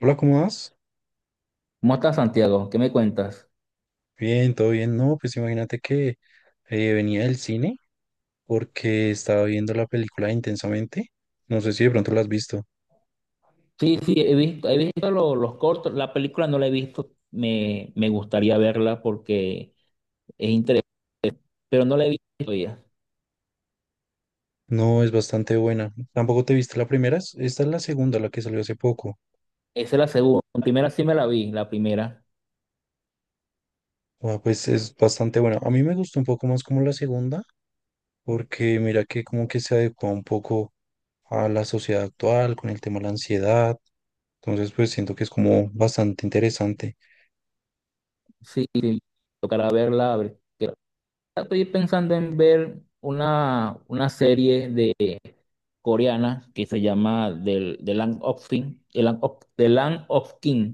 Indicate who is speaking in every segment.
Speaker 1: Hola, ¿cómo vas?
Speaker 2: ¿Cómo estás, Santiago? ¿Qué me cuentas?
Speaker 1: Bien, todo bien. No, pues imagínate que venía del cine porque estaba viendo la película Intensamente. No sé si de pronto la has visto.
Speaker 2: Sí, sí, he visto los cortos. La película no la he visto. Me gustaría verla porque es interesante, pero no la he visto todavía.
Speaker 1: No, es bastante buena. Tampoco te viste la primera. Esta es la segunda, la que salió hace poco.
Speaker 2: Esa es la segunda. La primera sí me la vi, la primera.
Speaker 1: Ah, pues es bastante buena. A mí me gustó un poco más como la segunda porque mira que como que se adecua un poco a la sociedad actual con el tema de la ansiedad. Entonces, pues siento que es como bastante interesante.
Speaker 2: Sí, sí, tocará verla. Estoy pensando en ver una serie de coreana que se llama The Land of King.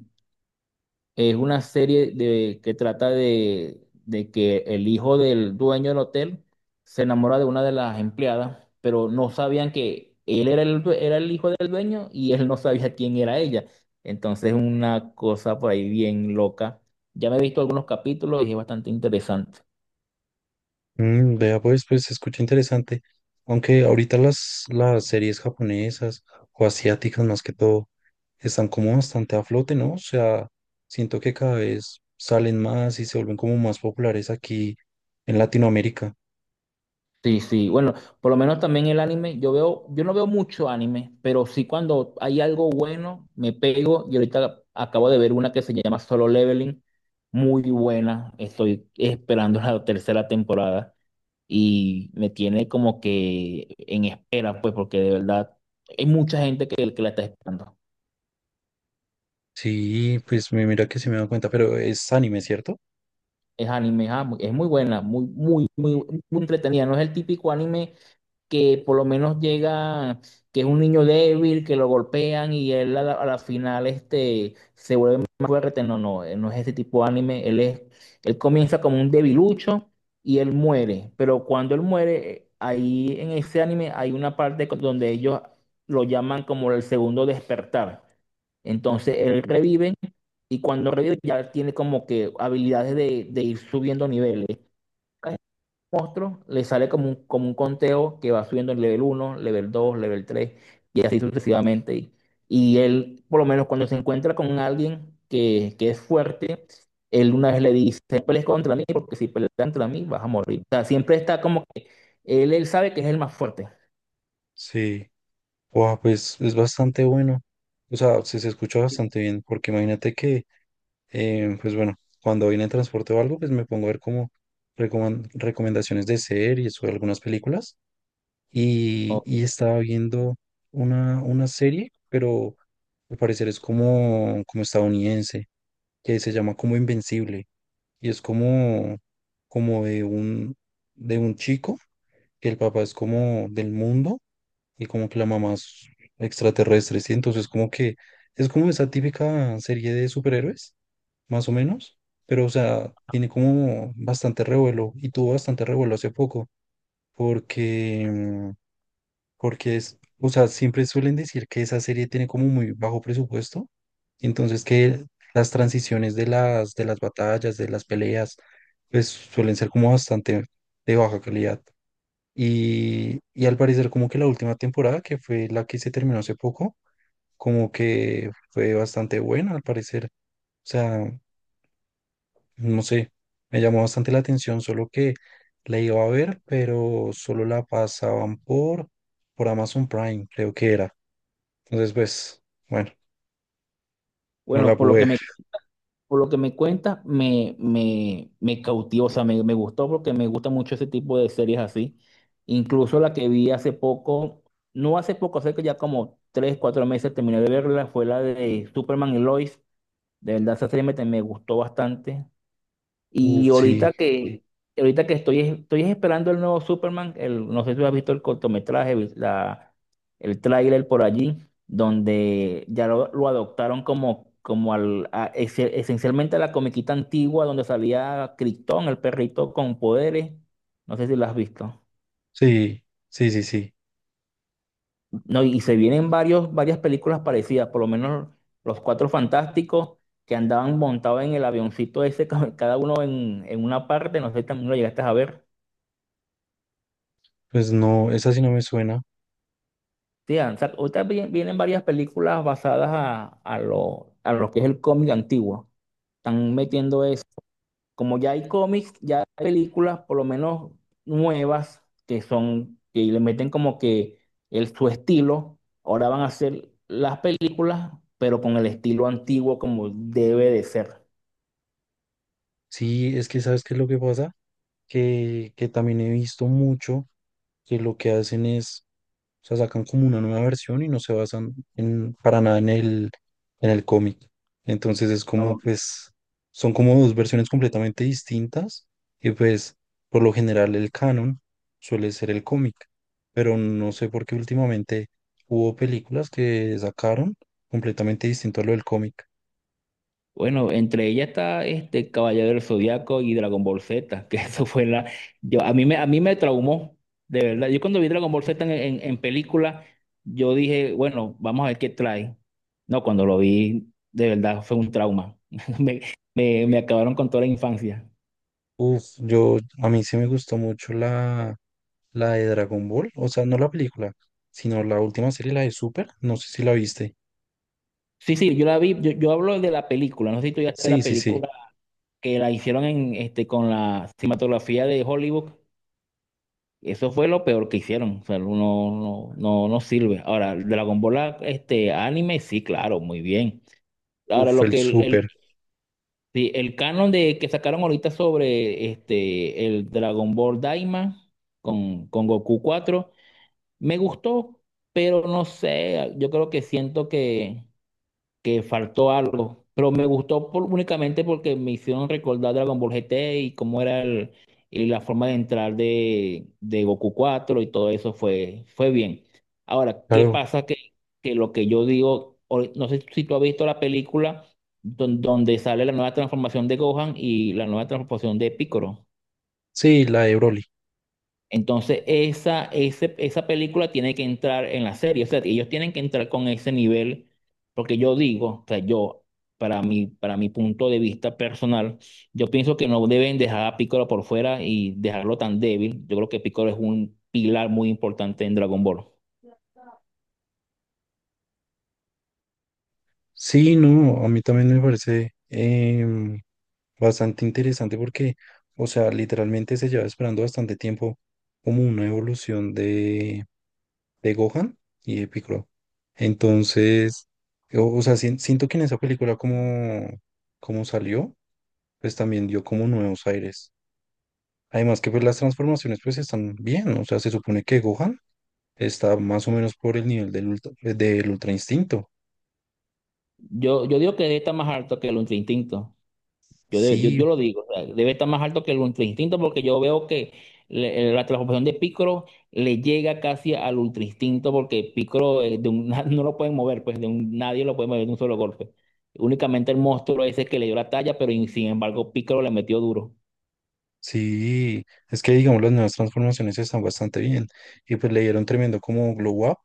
Speaker 2: Es una serie que trata de que el hijo del dueño del hotel se enamora de una de las empleadas, pero no sabían que él era era el hijo del dueño y él no sabía quién era ella. Entonces, una cosa por ahí bien loca. Ya me he visto algunos capítulos y es bastante interesante.
Speaker 1: Mm, vea, pues, pues se escucha interesante. Aunque ahorita las series japonesas o asiáticas más que todo están como bastante a flote, ¿no? O sea, siento que cada vez salen más y se vuelven como más populares aquí en Latinoamérica.
Speaker 2: Sí, sí, bueno, por lo menos también el anime, yo veo, yo no veo mucho anime, pero sí cuando hay algo bueno, me pego y ahorita acabo de ver una que se llama Solo Leveling, muy buena, estoy esperando la tercera temporada y me tiene como que en espera, pues porque de verdad hay mucha gente que la está esperando.
Speaker 1: Sí, pues me mira que se me da cuenta, pero es anime, ¿cierto?
Speaker 2: Es anime, ah, es muy buena, muy, muy, muy, muy entretenida, no es el típico anime que por lo menos llega, que es un niño débil, que lo golpean y él a la final este, se vuelve más fuerte. No, no, él no es ese tipo de anime. Él comienza como un debilucho y él muere. Pero cuando él muere, ahí en ese anime hay una parte donde ellos lo llaman como el segundo despertar. Entonces él revive y cuando revive ya tiene como que habilidades de ir subiendo niveles monstruo, le sale como un conteo que va subiendo en level uno level 2 level 3 y así sucesivamente. Y él, por lo menos cuando se encuentra con alguien que es fuerte, él una vez le dice, "No pelees contra mí porque si peleas contra mí vas a morir. O sea, siempre está como, él sabe que es el más fuerte.
Speaker 1: Sí. Wow, pues es bastante bueno. O sea, se escucha bastante bien, porque imagínate que pues bueno, cuando voy en el transporte o algo, pues me pongo a ver como recomendaciones de series o de algunas películas. Y estaba viendo una serie, pero al parecer es como, como estadounidense, que se llama como Invencible. Y es como, como de un chico, que el papá es como del mundo y como que la mamá es extraterrestre, ¿sí? Entonces como que es como esa típica serie de superhéroes más o menos, pero o sea, tiene como bastante revuelo y tuvo bastante revuelo hace poco, porque, porque es, o sea, siempre suelen decir que esa serie tiene como muy bajo presupuesto, entonces que las transiciones de de las batallas, de las peleas, pues suelen ser como bastante de baja calidad. Y al parecer como que la última temporada, que fue la que se terminó hace poco, como que fue bastante buena al parecer. O sea, no sé, me llamó bastante la atención, solo que la iba a ver, pero solo la pasaban por Amazon Prime, creo que era. Entonces, pues, bueno, no la
Speaker 2: Bueno, por lo
Speaker 1: pude
Speaker 2: que
Speaker 1: ver.
Speaker 2: me, por lo que me cuentas, me cautivó, o sea, me gustó porque me gusta mucho ese tipo de series así. Incluso la que vi hace poco, no hace poco, hace que ya como tres, cuatro meses terminé de verla, fue la de Superman y Lois. De verdad, esa serie me gustó bastante. Y
Speaker 1: Uf, sí,
Speaker 2: ahorita que, ahorita que estoy, estoy esperando el nuevo Superman, el, no sé si has visto el cortometraje, el tráiler por allí, donde ya lo adoptaron como, esencialmente a la comiquita antigua donde salía Krypton, el perrito con poderes. No sé si lo has visto.
Speaker 1: sí, sí, sí, sí.
Speaker 2: No, y se vienen varias películas parecidas, por lo menos los Cuatro Fantásticos que andaban montados en el avioncito ese, cada uno en una parte, no sé si también lo llegaste a ver.
Speaker 1: Pues no, esa sí no me suena.
Speaker 2: Sí, ahorita vienen varias películas basadas a lo que es el cómic antiguo. Están metiendo eso. Como ya hay cómics, ya hay películas, por lo menos nuevas, que son, que le meten como que su estilo. Ahora van a hacer las películas, pero con el estilo antiguo como debe de ser.
Speaker 1: Sí, es que ¿sabes qué es lo que pasa? Que también he visto mucho que lo que hacen es... O sea, sacan como una nueva versión y no se basan en, para nada en el cómic. Entonces es como, pues, son como dos versiones completamente distintas y pues, por lo general el canon suele ser el cómic, pero no sé por qué últimamente hubo películas que sacaron completamente distinto a lo del cómic.
Speaker 2: Bueno, entre ellas está este Caballero del Zodiaco y Dragon Ball Z, que eso fue la... Yo, a mí me traumó, de verdad. Yo cuando vi Dragon Ball Z en película, yo dije, bueno, vamos a ver qué trae. No, cuando lo vi, de verdad fue un trauma. Me, me acabaron con toda la infancia.
Speaker 1: Uf, yo, a mí sí me gustó mucho la, la de Dragon Ball, o sea, no la película, sino la última serie, la de Super, no sé si la viste.
Speaker 2: Sí, sí, yo la vi, yo hablo de la película, no sé si tú ya viste
Speaker 1: Sí,
Speaker 2: la
Speaker 1: sí, sí.
Speaker 2: película que la hicieron en, este, con la cinematografía de Hollywood. Eso fue lo peor que hicieron. O sea, no, no, no, no sirve. Ahora, Dragon Ball, ah, este anime, sí, claro, muy bien. Ahora,
Speaker 1: Uf,
Speaker 2: lo
Speaker 1: el
Speaker 2: que el,
Speaker 1: súper,
Speaker 2: sí, el canon de que sacaron ahorita sobre este el Dragon Ball Daima con Goku 4, me gustó, pero no sé, yo creo que siento que faltó algo, pero me gustó únicamente porque me hicieron recordar Dragon Ball GT y cómo era el, y la forma de entrar de Goku 4 y todo eso fue, fue bien. Ahora, ¿qué
Speaker 1: claro.
Speaker 2: pasa? Que lo que yo digo, no sé si tú has visto la película donde sale la nueva transformación de Gohan y la nueva transformación de Piccolo.
Speaker 1: Sí, la de Broly.
Speaker 2: Entonces, esa película tiene que entrar en la serie. O sea, ellos tienen que entrar con ese nivel, porque yo digo, o sea, yo, para mi punto de vista personal, yo pienso que no deben dejar a Piccolo por fuera y dejarlo tan débil. Yo creo que Piccolo es un pilar muy importante en Dragon Ball.
Speaker 1: Sí, no, a mí también me parece bastante interesante porque, o sea, literalmente se lleva esperando bastante tiempo como una evolución de Gohan y de Piccolo. Entonces, o sea, siento que en esa película como, como salió, pues también dio como nuevos aires. Además que pues las transformaciones pues están bien, o sea, se supone que Gohan está más o menos por el nivel del del Ultra Instinto.
Speaker 2: Yo digo que está más alto que el Ultra Instinto. Yo,
Speaker 1: Sí,
Speaker 2: yo lo digo, o sea, debe estar más alto que el ultra instinto porque yo veo que la transformación de Piccolo le llega casi al ultra instinto porque Piccolo no lo pueden mover, pues de un, nadie lo puede mover de un solo golpe. Únicamente el monstruo ese que le dio la talla, pero y sin embargo Piccolo le metió duro.
Speaker 1: sí, es que digamos las nuevas transformaciones están bastante bien y pues le dieron tremendo como glow up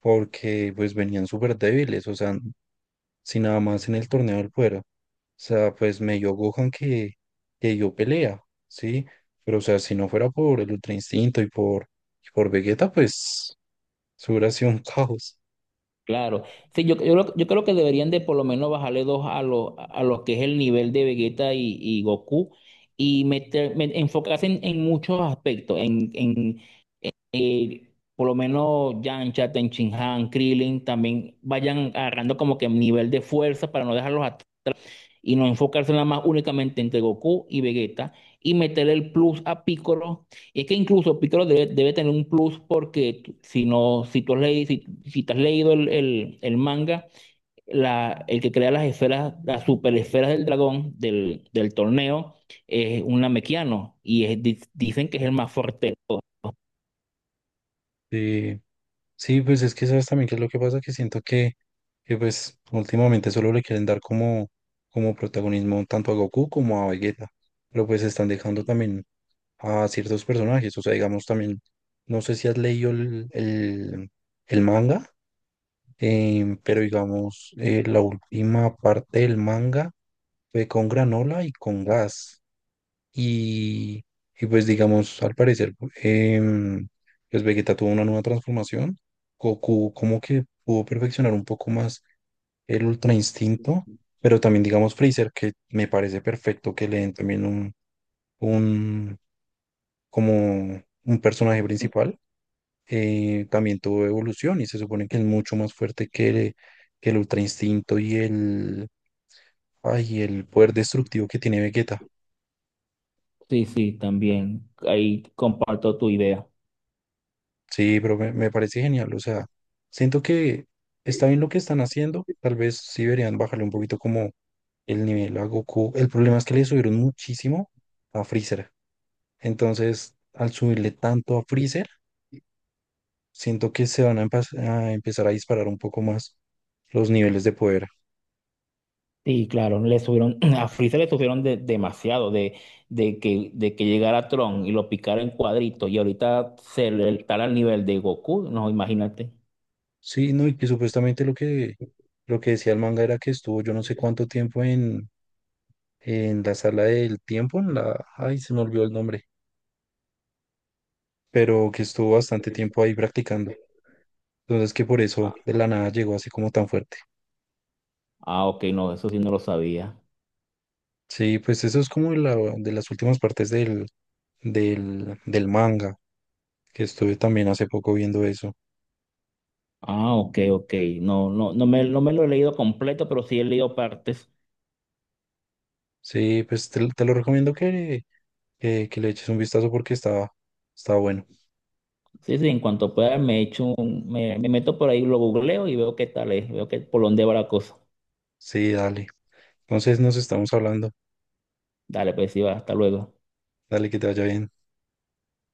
Speaker 1: porque pues venían súper débiles, o sea, sin nada más en el torneo del fuera, o sea, pues medio Gohan que dio pelea, sí, pero o sea, si no fuera por el Ultra Instinto y por Vegeta, pues eso hubiera sido un caos,
Speaker 2: Claro. Sí, yo creo que deberían de por lo menos bajarle dos a los que es el nivel de Vegeta y Goku y enfocarse en muchos aspectos, eh, por lo menos Yamcha, Tenshinhan, Krillin también vayan agarrando como que nivel de fuerza para no dejarlos atrás y no enfocarse nada más únicamente entre Goku y Vegeta y meter el plus a Piccolo. Y es que incluso Piccolo debe tener un plus porque si no, si tú has leído, si te has leído el manga, el que crea las esferas, las super esferas del dragón del torneo es un Namekiano y dicen que es el más fuerte. De todos.
Speaker 1: sí. Sí, pues es que sabes también qué es lo que pasa, que siento que pues últimamente solo le quieren dar como, como protagonismo tanto a Goku como a Vegeta, pero pues están dejando también a ciertos personajes, o sea, digamos también, no sé si has leído el manga, pero digamos, la última parte del manga fue con Granola y con Gas, y, y pues digamos, al parecer, em, pues Vegeta tuvo una nueva transformación. Goku como que pudo perfeccionar un poco más el Ultra Instinto, pero también digamos Freezer, que me parece perfecto que le den también un como un personaje principal. También tuvo evolución y se supone que es mucho más fuerte que, que el Ultra Instinto y el, ay, el poder destructivo que tiene Vegeta.
Speaker 2: Sí, sí, también. Ahí comparto tu idea.
Speaker 1: Sí, pero me parece genial. O sea, siento que está bien lo que están haciendo. Tal vez sí deberían bajarle un poquito como el nivel a Goku. El problema es que le subieron muchísimo a Freezer. Entonces, al subirle tanto a Freezer, siento que se van a, a empezar a disparar un poco más los niveles de poder.
Speaker 2: Sí, claro, le subieron, a Freezer le subieron demasiado de que llegara Tron y lo picara en cuadritos y ahorita se le está al nivel de Goku, no, imagínate.
Speaker 1: Sí, no, y que supuestamente lo que decía el manga era que estuvo yo no sé cuánto tiempo en la sala del tiempo, en la... Ay, se me olvidó el nombre, pero que estuvo bastante tiempo ahí practicando. Entonces que por eso de la nada llegó así como tan fuerte.
Speaker 2: Ah, ok, no, eso sí no lo sabía.
Speaker 1: Sí, pues eso es como la, de las últimas partes del, del, del manga, que estuve también hace poco viendo eso.
Speaker 2: Ah, ok, ok. No, no, no me lo he leído completo, pero sí he leído partes.
Speaker 1: Sí, pues te lo recomiendo que le eches un vistazo porque está, está bueno.
Speaker 2: Sí, sí, en cuanto pueda me echo me meto por ahí, lo googleo y veo qué tal es, veo qué, por dónde va la cosa.
Speaker 1: Sí, dale. Entonces nos estamos hablando.
Speaker 2: Dale, pues sí, va, hasta luego.
Speaker 1: Dale, que te vaya bien.